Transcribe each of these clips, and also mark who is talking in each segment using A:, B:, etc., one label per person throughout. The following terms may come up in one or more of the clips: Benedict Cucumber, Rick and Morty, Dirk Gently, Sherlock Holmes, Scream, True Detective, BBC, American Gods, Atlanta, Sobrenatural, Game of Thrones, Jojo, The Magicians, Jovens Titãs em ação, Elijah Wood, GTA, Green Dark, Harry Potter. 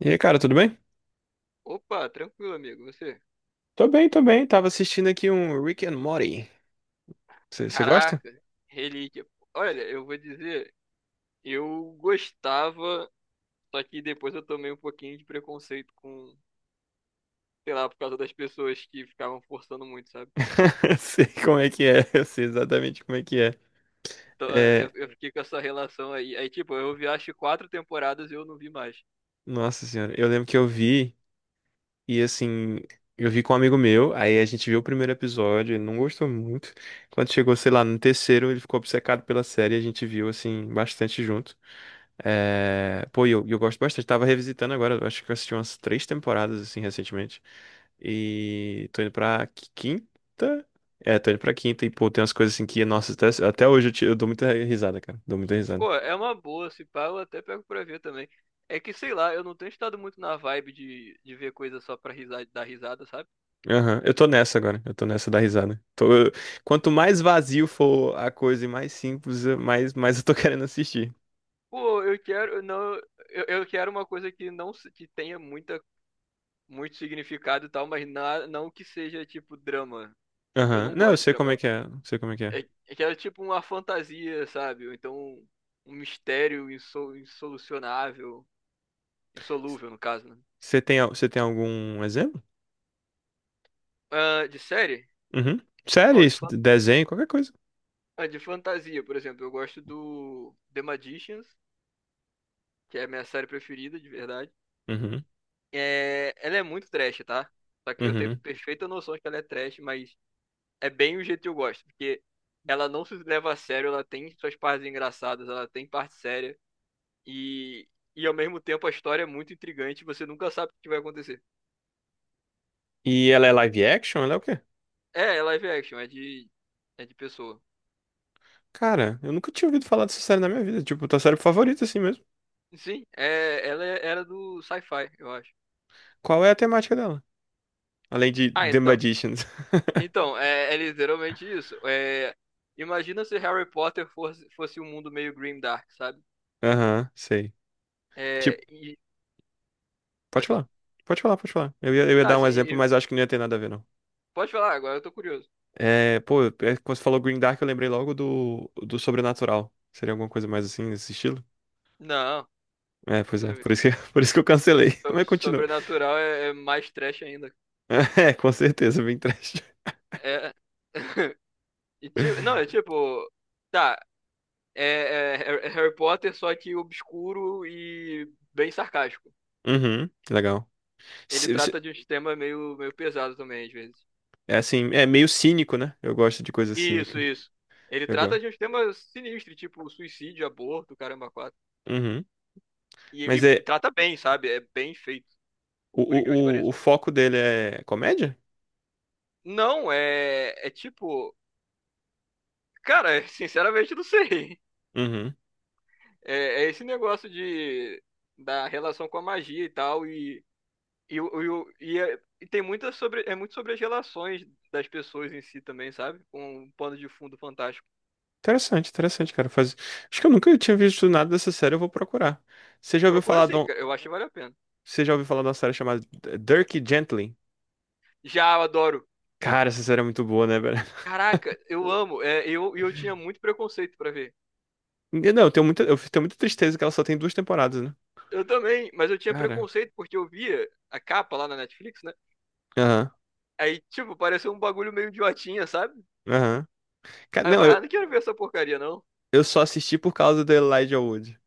A: E aí, cara, tudo bem?
B: Opa, tranquilo, amigo. Você?
A: Tô bem, tô bem. Tava assistindo aqui um Rick and Morty. Você gosta?
B: Caraca, relíquia. Olha, eu vou dizer, eu gostava, só que depois eu tomei um pouquinho de preconceito com, sei lá, por causa das pessoas que ficavam forçando muito, sabe?
A: Sei como é que é, eu sei exatamente como é que é.
B: Então é, eu,
A: É,
B: eu fiquei com essa relação aí. Aí, tipo, eu vi acho quatro temporadas e eu não vi mais.
A: nossa senhora, eu lembro que eu vi e assim, eu vi com um amigo meu, aí a gente viu o primeiro episódio, ele não gostou muito. Quando chegou, sei lá, no terceiro, ele ficou obcecado pela série, a gente viu assim bastante junto. É, pô, e eu gosto bastante. Tava revisitando agora, eu acho que eu assisti umas três temporadas, assim, recentemente. E tô indo pra quinta. É, tô indo pra quinta e, pô, tem umas coisas assim que, nossa, até hoje eu dou muita risada, cara. Dou muita risada.
B: Pô, é uma boa, se pá, eu até pego pra ver também. É que, sei lá, eu não tenho estado muito na vibe de ver coisa só pra risada, dar risada, sabe?
A: Aham. Eu tô nessa da risada. Quanto mais vazio for a coisa e mais simples, mais, mais eu tô querendo assistir.
B: Pô, eu quero, não, eu quero uma coisa que não se- que tenha muita muito significado e tal, mas não que seja tipo drama. Eu
A: Aham.
B: não
A: Não, eu
B: gosto de
A: sei
B: drama.
A: como é
B: Eu,
A: que é, eu sei como é que é.
B: é, é que era tipo uma fantasia, sabe? Ou então um mistério insolucionável, insolúvel no caso, né?
A: Você tem, você tem algum exemplo?
B: Ah, de série?
A: Uhum. Sério,
B: Oh,
A: isso, desenho, qualquer coisa.
B: ah, de fantasia, por exemplo, eu gosto do The Magicians, que é a minha série preferida, de verdade.
A: Uhum.
B: É, ela é muito trash, tá? Só que eu tenho
A: Uhum.
B: perfeita noção de que ela é trash, mas é bem o jeito que eu gosto, porque ela não se leva a sério, ela tem suas partes engraçadas, ela tem parte séria e e ao mesmo tempo a história é muito intrigante, você nunca sabe o que vai acontecer.
A: E ela é live action? Ela é o quê?
B: É, é live action, é de pessoa.
A: Cara, eu nunca tinha ouvido falar dessa série na minha vida. Tipo, tua série favorita, assim mesmo.
B: Sim, é, era do sci-fi, eu acho.
A: Qual é a temática dela? Além de
B: Ah,
A: The
B: então,
A: Magicians.
B: então é, é literalmente isso. É, imagina se Harry Potter fosse um mundo meio grim dark, sabe?
A: Aham, sei.
B: É,
A: Tipo,
B: e
A: pode
B: pode falar.
A: falar. Pode falar, pode falar. Eu ia
B: Tá,
A: dar um
B: assim,
A: exemplo, mas acho que não ia ter nada a ver, não.
B: pode falar agora, eu tô curioso.
A: É, pô, é, quando você falou Green Dark, eu lembrei logo do Sobrenatural. Seria alguma coisa mais assim, nesse estilo?
B: Não,
A: É,
B: não
A: pois é.
B: deve.
A: Por isso que, por isso que eu cancelei. Mas continua.
B: Sobrenatural é, é mais trash ainda.
A: É, com certeza, bem trash.
B: É. Não, é tipo. Tá. É Harry Potter, só que obscuro e bem sarcástico.
A: Uhum, legal.
B: Ele
A: Se- se-
B: trata de uns temas meio, meio pesado também, às vezes.
A: É assim, é meio cínico, né? Eu gosto de coisa
B: Isso,
A: cínica.
B: isso. Ele
A: Eu
B: trata
A: gosto.
B: de uns temas sinistros, tipo suicídio, aborto, caramba, quatro.
A: Uhum. Mas
B: E
A: é
B: trata bem, sabe? É bem feito, por incrível que pareça.
A: o foco dele é comédia?
B: Não, é. É tipo. Cara, sinceramente, não sei.
A: Uhum.
B: É, é esse negócio de, da relação com a magia e tal, e tem é muito sobre as relações das pessoas em si também, sabe? Com um pano de fundo fantástico.
A: Interessante, interessante, cara. Faz... Acho que eu nunca tinha visto nada dessa série, eu vou procurar. Você já ouviu
B: Procura
A: falar de
B: sim,
A: um...
B: cara, eu acho que vale a pena.
A: Você já ouviu falar de uma série chamada Dirk Gently?
B: Já, eu adoro.
A: Cara, essa série é muito boa, né, velho?
B: Caraca, eu amo. É, e eu tinha muito preconceito pra ver.
A: Não, eu tenho muita tristeza que ela só tem duas temporadas, né?
B: Eu também, mas eu tinha
A: Cara.
B: preconceito porque eu via a capa lá na Netflix, né?
A: Aham,
B: Aí, tipo, pareceu um bagulho meio idiotinha, sabe?
A: aham.
B: Aí eu
A: Não,
B: falei, ah, não quero ver essa porcaria, não.
A: eu só assisti por causa do Elijah Wood.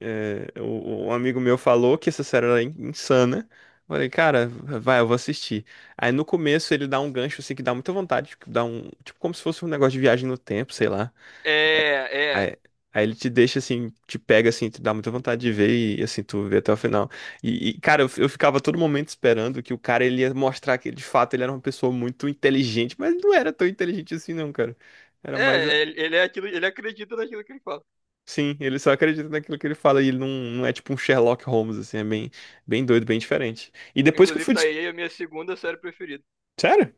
A: É, um amigo meu falou que essa série era insana. Falei, cara, vai, eu vou assistir. Aí no começo ele dá um gancho assim que dá muita vontade, que dá um, tipo como se fosse um negócio de viagem no tempo, sei lá.
B: É, é.
A: Aí, aí ele te deixa assim, te pega assim, te dá muita vontade de ver e assim tu vê até o final. E, cara, eu ficava a todo momento esperando que o cara ele ia mostrar que de fato ele era uma pessoa muito inteligente, mas não era tão inteligente assim não, cara. Era mais.
B: É, ele é aquilo, ele acredita naquilo que ele fala.
A: Sim, ele só acredita naquilo que ele fala e ele não, não é tipo um Sherlock Holmes, assim, é bem, bem doido, bem diferente. E depois que eu
B: Inclusive,
A: fui.
B: tá aí a minha segunda série preferida,
A: Sério?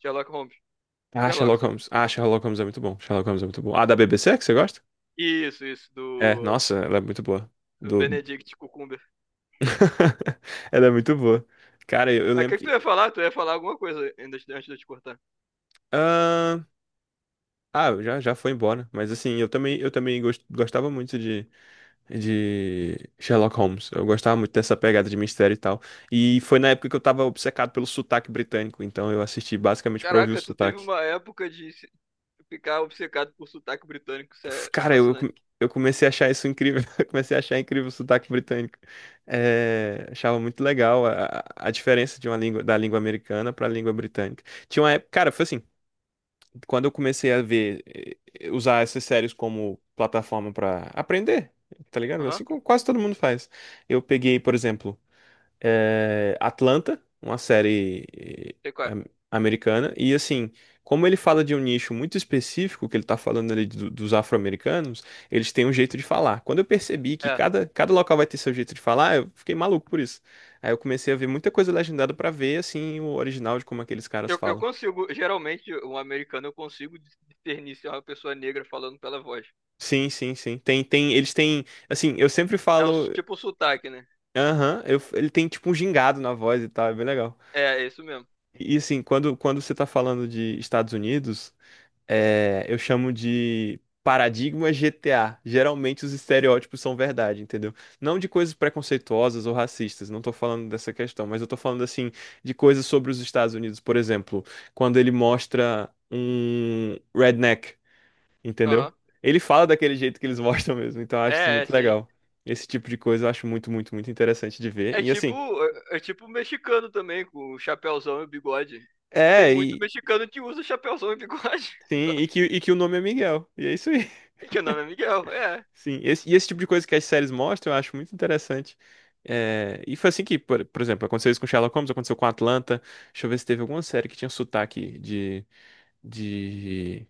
B: Sherlock Holmes.
A: Ah,
B: Sherlock
A: Sherlock
B: só.
A: Holmes. Ah, Sherlock Holmes é muito bom. Sherlock Holmes é muito bom. Ah, da BBC, que você gosta?
B: Isso,
A: É,
B: do
A: nossa, ela é muito boa.
B: do
A: Do...
B: Benedict Cucumber.
A: Ela é muito boa. Cara, eu
B: Mas o que,
A: lembro
B: que tu
A: que.
B: ia falar? Tu ia falar alguma coisa ainda antes de eu te cortar.
A: Ah, ah, já, já foi embora. Mas assim, eu também, gostava muito de Sherlock Holmes. Eu gostava muito dessa pegada de mistério e tal. E foi na época que eu tava obcecado pelo sotaque britânico, então eu assisti basicamente pra ouvir o
B: Caraca, tu teve
A: sotaque.
B: uma época de se- ficar obcecado por sotaque britânico, isso é
A: Cara,
B: fascinante.
A: eu comecei a achar isso incrível. Eu comecei a achar incrível o sotaque britânico. É, achava muito legal a diferença de uma língua, da língua americana pra língua britânica. Tinha uma época, cara, foi assim, quando eu comecei a ver, usar essas séries como plataforma pra aprender, tá ligado?
B: Aham,
A: Assim como quase todo mundo faz. Eu peguei, por exemplo, é, Atlanta, uma série
B: sei qual é.
A: am- americana, e assim, como ele fala de um nicho muito específico, que ele tá falando ali dos afro-americanos, eles têm um jeito de falar. Quando eu percebi que
B: É.
A: cada local vai ter seu jeito de falar, eu fiquei maluco por isso. Aí eu comecei a ver muita coisa legendada pra ver, assim, o original de como aqueles caras
B: Eu
A: falam.
B: consigo, geralmente, um americano, eu consigo discernir se é uma pessoa negra falando pela voz.
A: Sim, sim, sim. Tem, tem, eles têm, assim, eu sempre
B: É
A: falo,
B: tipo o sotaque, né?
A: aham, ele tem tipo um gingado na voz e tal, é bem legal.
B: É, é isso mesmo.
A: E assim, quando você tá falando de Estados Unidos. É, eu chamo de paradigma GTA. Geralmente os estereótipos são verdade, entendeu? Não de coisas preconceituosas ou racistas, não tô falando dessa questão, mas eu tô falando assim de coisas sobre os Estados Unidos, por exemplo, quando ele mostra um redneck, entendeu?
B: Aham.
A: Ele fala daquele jeito que eles mostram mesmo, então eu acho isso
B: É, é,
A: muito
B: sim.
A: legal. Esse tipo de coisa eu acho muito, muito, muito interessante de ver.
B: É
A: E
B: tipo,
A: assim,
B: é, é tipo mexicano também, com o chapéuzão e o bigode. Tem
A: é,
B: muito
A: e
B: mexicano que usa chapéuzão e bigode,
A: sim,
B: sabe?
A: e que o nome é Miguel. E é isso aí.
B: Que o nome é Miguel, é.
A: Sim, e esse tipo de coisa que as séries mostram, eu acho muito interessante. É, e foi assim que, por exemplo, aconteceu isso com Sherlock Holmes, aconteceu com Atlanta. Deixa eu ver se teve alguma série que tinha sotaque de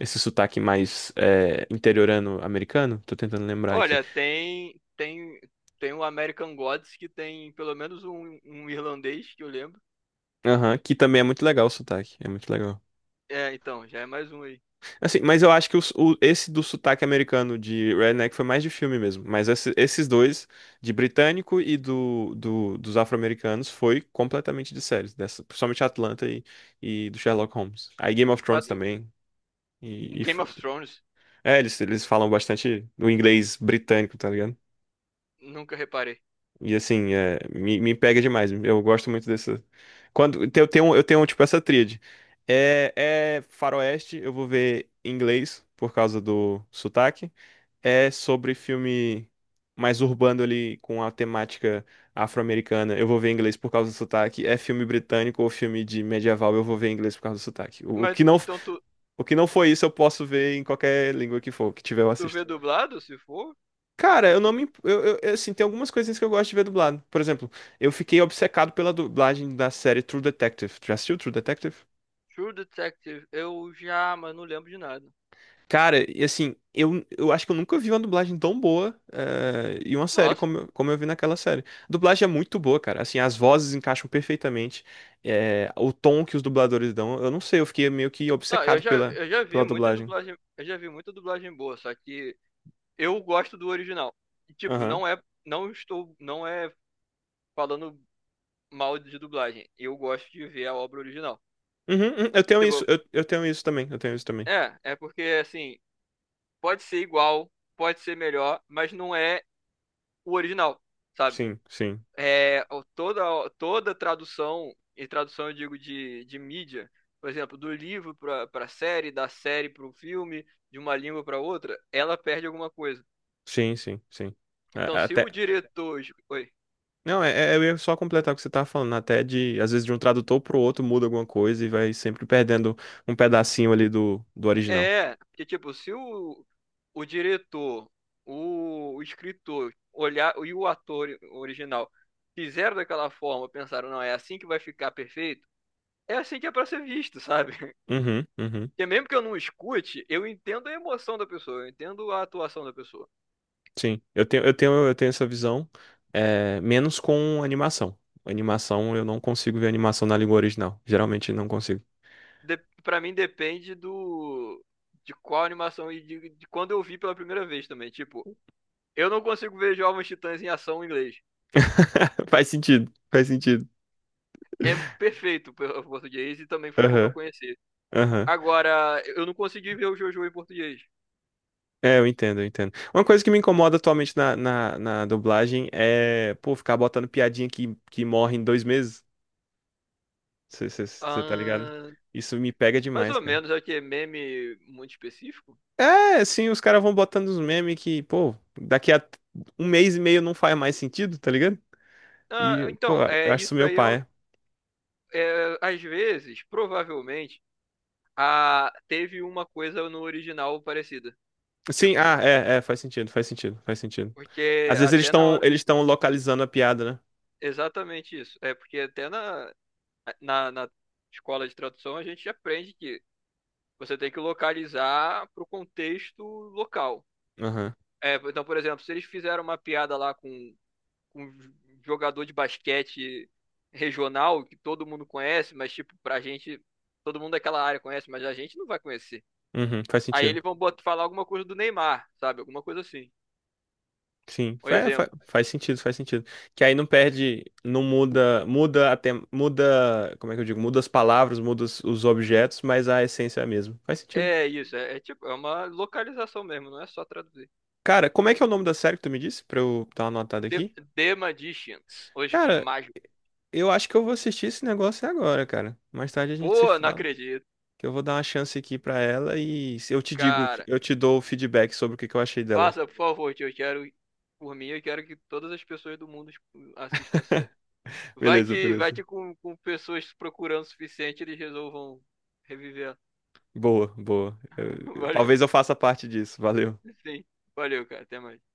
A: esse sotaque mais é, interiorano americano. Tô tentando lembrar aqui.
B: Olha, tem o American Gods que tem pelo menos um, um irlandês que eu lembro.
A: Aham, que também é muito legal o sotaque, é muito legal.
B: É, então, já é mais um aí.
A: Assim, mas eu acho que esse do sotaque americano de Redneck foi mais de filme mesmo. Mas esses dois, de britânico e dos afro-americanos, foi completamente de séries. Dessa, principalmente Atlanta e do Sherlock Holmes. Aí Game of
B: Mas
A: Thrones
B: tu-
A: também. E, e
B: Game
A: f-
B: of Thrones,
A: é, eles falam bastante do inglês britânico, tá ligado?
B: nunca reparei.
A: E assim, é, me pega demais. Eu gosto muito dessa. Eu tenho, tipo, essa tríade. É, é faroeste, eu vou ver em inglês por causa do sotaque. É sobre filme mais urbano ali com a temática afro-americana, eu vou ver em inglês por causa do sotaque. É filme britânico ou filme de medieval, eu vou ver em inglês por causa do sotaque.
B: Mas então tu,
A: O que não foi isso, eu posso ver em qualquer língua que for, que tiver eu
B: tu vê
A: assisto.
B: dublado, se for?
A: Cara,
B: Se
A: eu não
B: for. Né?
A: me. Assim, tem algumas coisinhas que eu gosto de ver dublado. Por exemplo, eu fiquei obcecado pela dublagem da série True Detective. Tu já assistiu True Detective?
B: True Detective, eu já, mas não lembro de nada.
A: Cara, e assim, eu acho que eu nunca vi uma dublagem tão boa e uma série
B: Nossa.
A: como, como eu vi naquela série. A dublagem é muito boa, cara. Assim, as vozes encaixam perfeitamente. O tom que os dubladores dão, eu não sei, eu fiquei meio que
B: Não,
A: obcecado pela,
B: eu já vi
A: pela
B: muita
A: dublagem.
B: dublagem, eu já vi muita dublagem boa, só que eu gosto do original. E, tipo,
A: Aham.
B: não é falando mal de dublagem. Eu gosto de ver a obra original.
A: Uhum, uhum, eu tenho
B: Tipo,
A: isso, eu tenho isso também, eu tenho isso também.
B: é, é porque assim, pode ser igual, pode ser melhor, mas não é o original, sabe?
A: Sim, sim,
B: É, toda toda tradução, e tradução eu digo de mídia, por exemplo, do livro para série, da série para o filme, de uma língua para outra, ela perde alguma coisa.
A: sim, sim, sim.
B: Então, se o
A: Até.
B: diretor. Oi.
A: Não, eu ia só completar o que você tava falando, né? Até de, às vezes, de um tradutor pro outro muda alguma coisa e vai sempre perdendo um pedacinho ali do original.
B: É, que tipo, se o, o diretor, o escritor olhar e o ator original fizeram daquela forma, pensaram, não, é assim que vai ficar perfeito, é assim que é pra ser visto, sabe?
A: Uhum, uhum.
B: Porque mesmo que eu não escute, eu entendo a emoção da pessoa, eu entendo a atuação da pessoa.
A: Sim, eu tenho essa visão, é, menos com animação. Animação, eu não consigo ver animação na língua original. Geralmente não consigo.
B: De, pra mim depende do. De qual animação e de quando eu vi pela primeira vez também. Tipo, eu não consigo ver Jovens Titãs em ação em inglês.
A: Faz sentido, faz sentido.
B: É perfeito o português e também foi como eu
A: Aham,
B: conheci.
A: aham.
B: Agora, eu não consegui ver o Jojo em português.
A: É, eu entendo, eu entendo. Uma coisa que me incomoda atualmente na dublagem é, pô, ficar botando piadinha que morre em dois meses. Você tá ligado?
B: Ah,
A: Isso me pega
B: mais
A: demais,
B: ou
A: cara.
B: menos, é que é meme muito específico.
A: É, sim, os caras vão botando uns memes que, pô, daqui a um mês e meio não faz mais sentido, tá ligado?
B: Ah,
A: E, pô,
B: então,
A: eu
B: é,
A: acho isso meio paia.
B: é, às vezes, provavelmente, teve uma coisa no original parecida.
A: Sim,
B: Tipo,
A: ah, é, é, faz sentido, faz sentido, faz sentido.
B: porque
A: Às vezes
B: até na hora.
A: eles estão localizando a piada, né?
B: Exatamente isso. É porque até na escola de tradução a gente aprende que você tem que localizar para o contexto local.
A: Aham.
B: É, então, por exemplo, se eles fizeram uma piada lá com um jogador de basquete regional que todo mundo conhece, mas tipo, pra gente, todo mundo daquela área conhece, mas a gente não vai conhecer.
A: Uhum, faz
B: Aí
A: sentido.
B: eles vão botar, falar alguma coisa do Neymar, sabe? Alguma coisa assim.
A: Sim,
B: Um
A: faz, faz,
B: exemplo.
A: faz sentido, faz sentido. Que aí não perde, não muda, muda até, muda, como é que eu digo? Muda as palavras, muda os objetos, mas a essência é a mesma. Faz sentido.
B: É isso, é, é tipo, é uma localização mesmo, não é só traduzir.
A: Cara, como é que é o nome da série que tu me disse? Pra eu dar uma anotada
B: The,
A: aqui?
B: The Magicians, os
A: Cara,
B: mágicos.
A: eu acho que eu vou assistir esse negócio agora, cara. Mais tarde a gente se
B: Pô, não
A: fala.
B: acredito,
A: Que eu vou dar uma chance aqui pra ela e se eu te digo,
B: cara.
A: eu te dou o feedback sobre o que que eu achei dela.
B: Faça, por favor, tio, eu quero, por mim, eu quero que todas as pessoas do mundo tipo, assistam essa.
A: Beleza,
B: Vai
A: beleza.
B: que com pessoas procurando o suficiente, eles resolvam reviver.
A: Boa, boa.
B: Valeu.
A: Talvez eu faça parte disso. Valeu.
B: Sim. Valeu, cara. Até mais.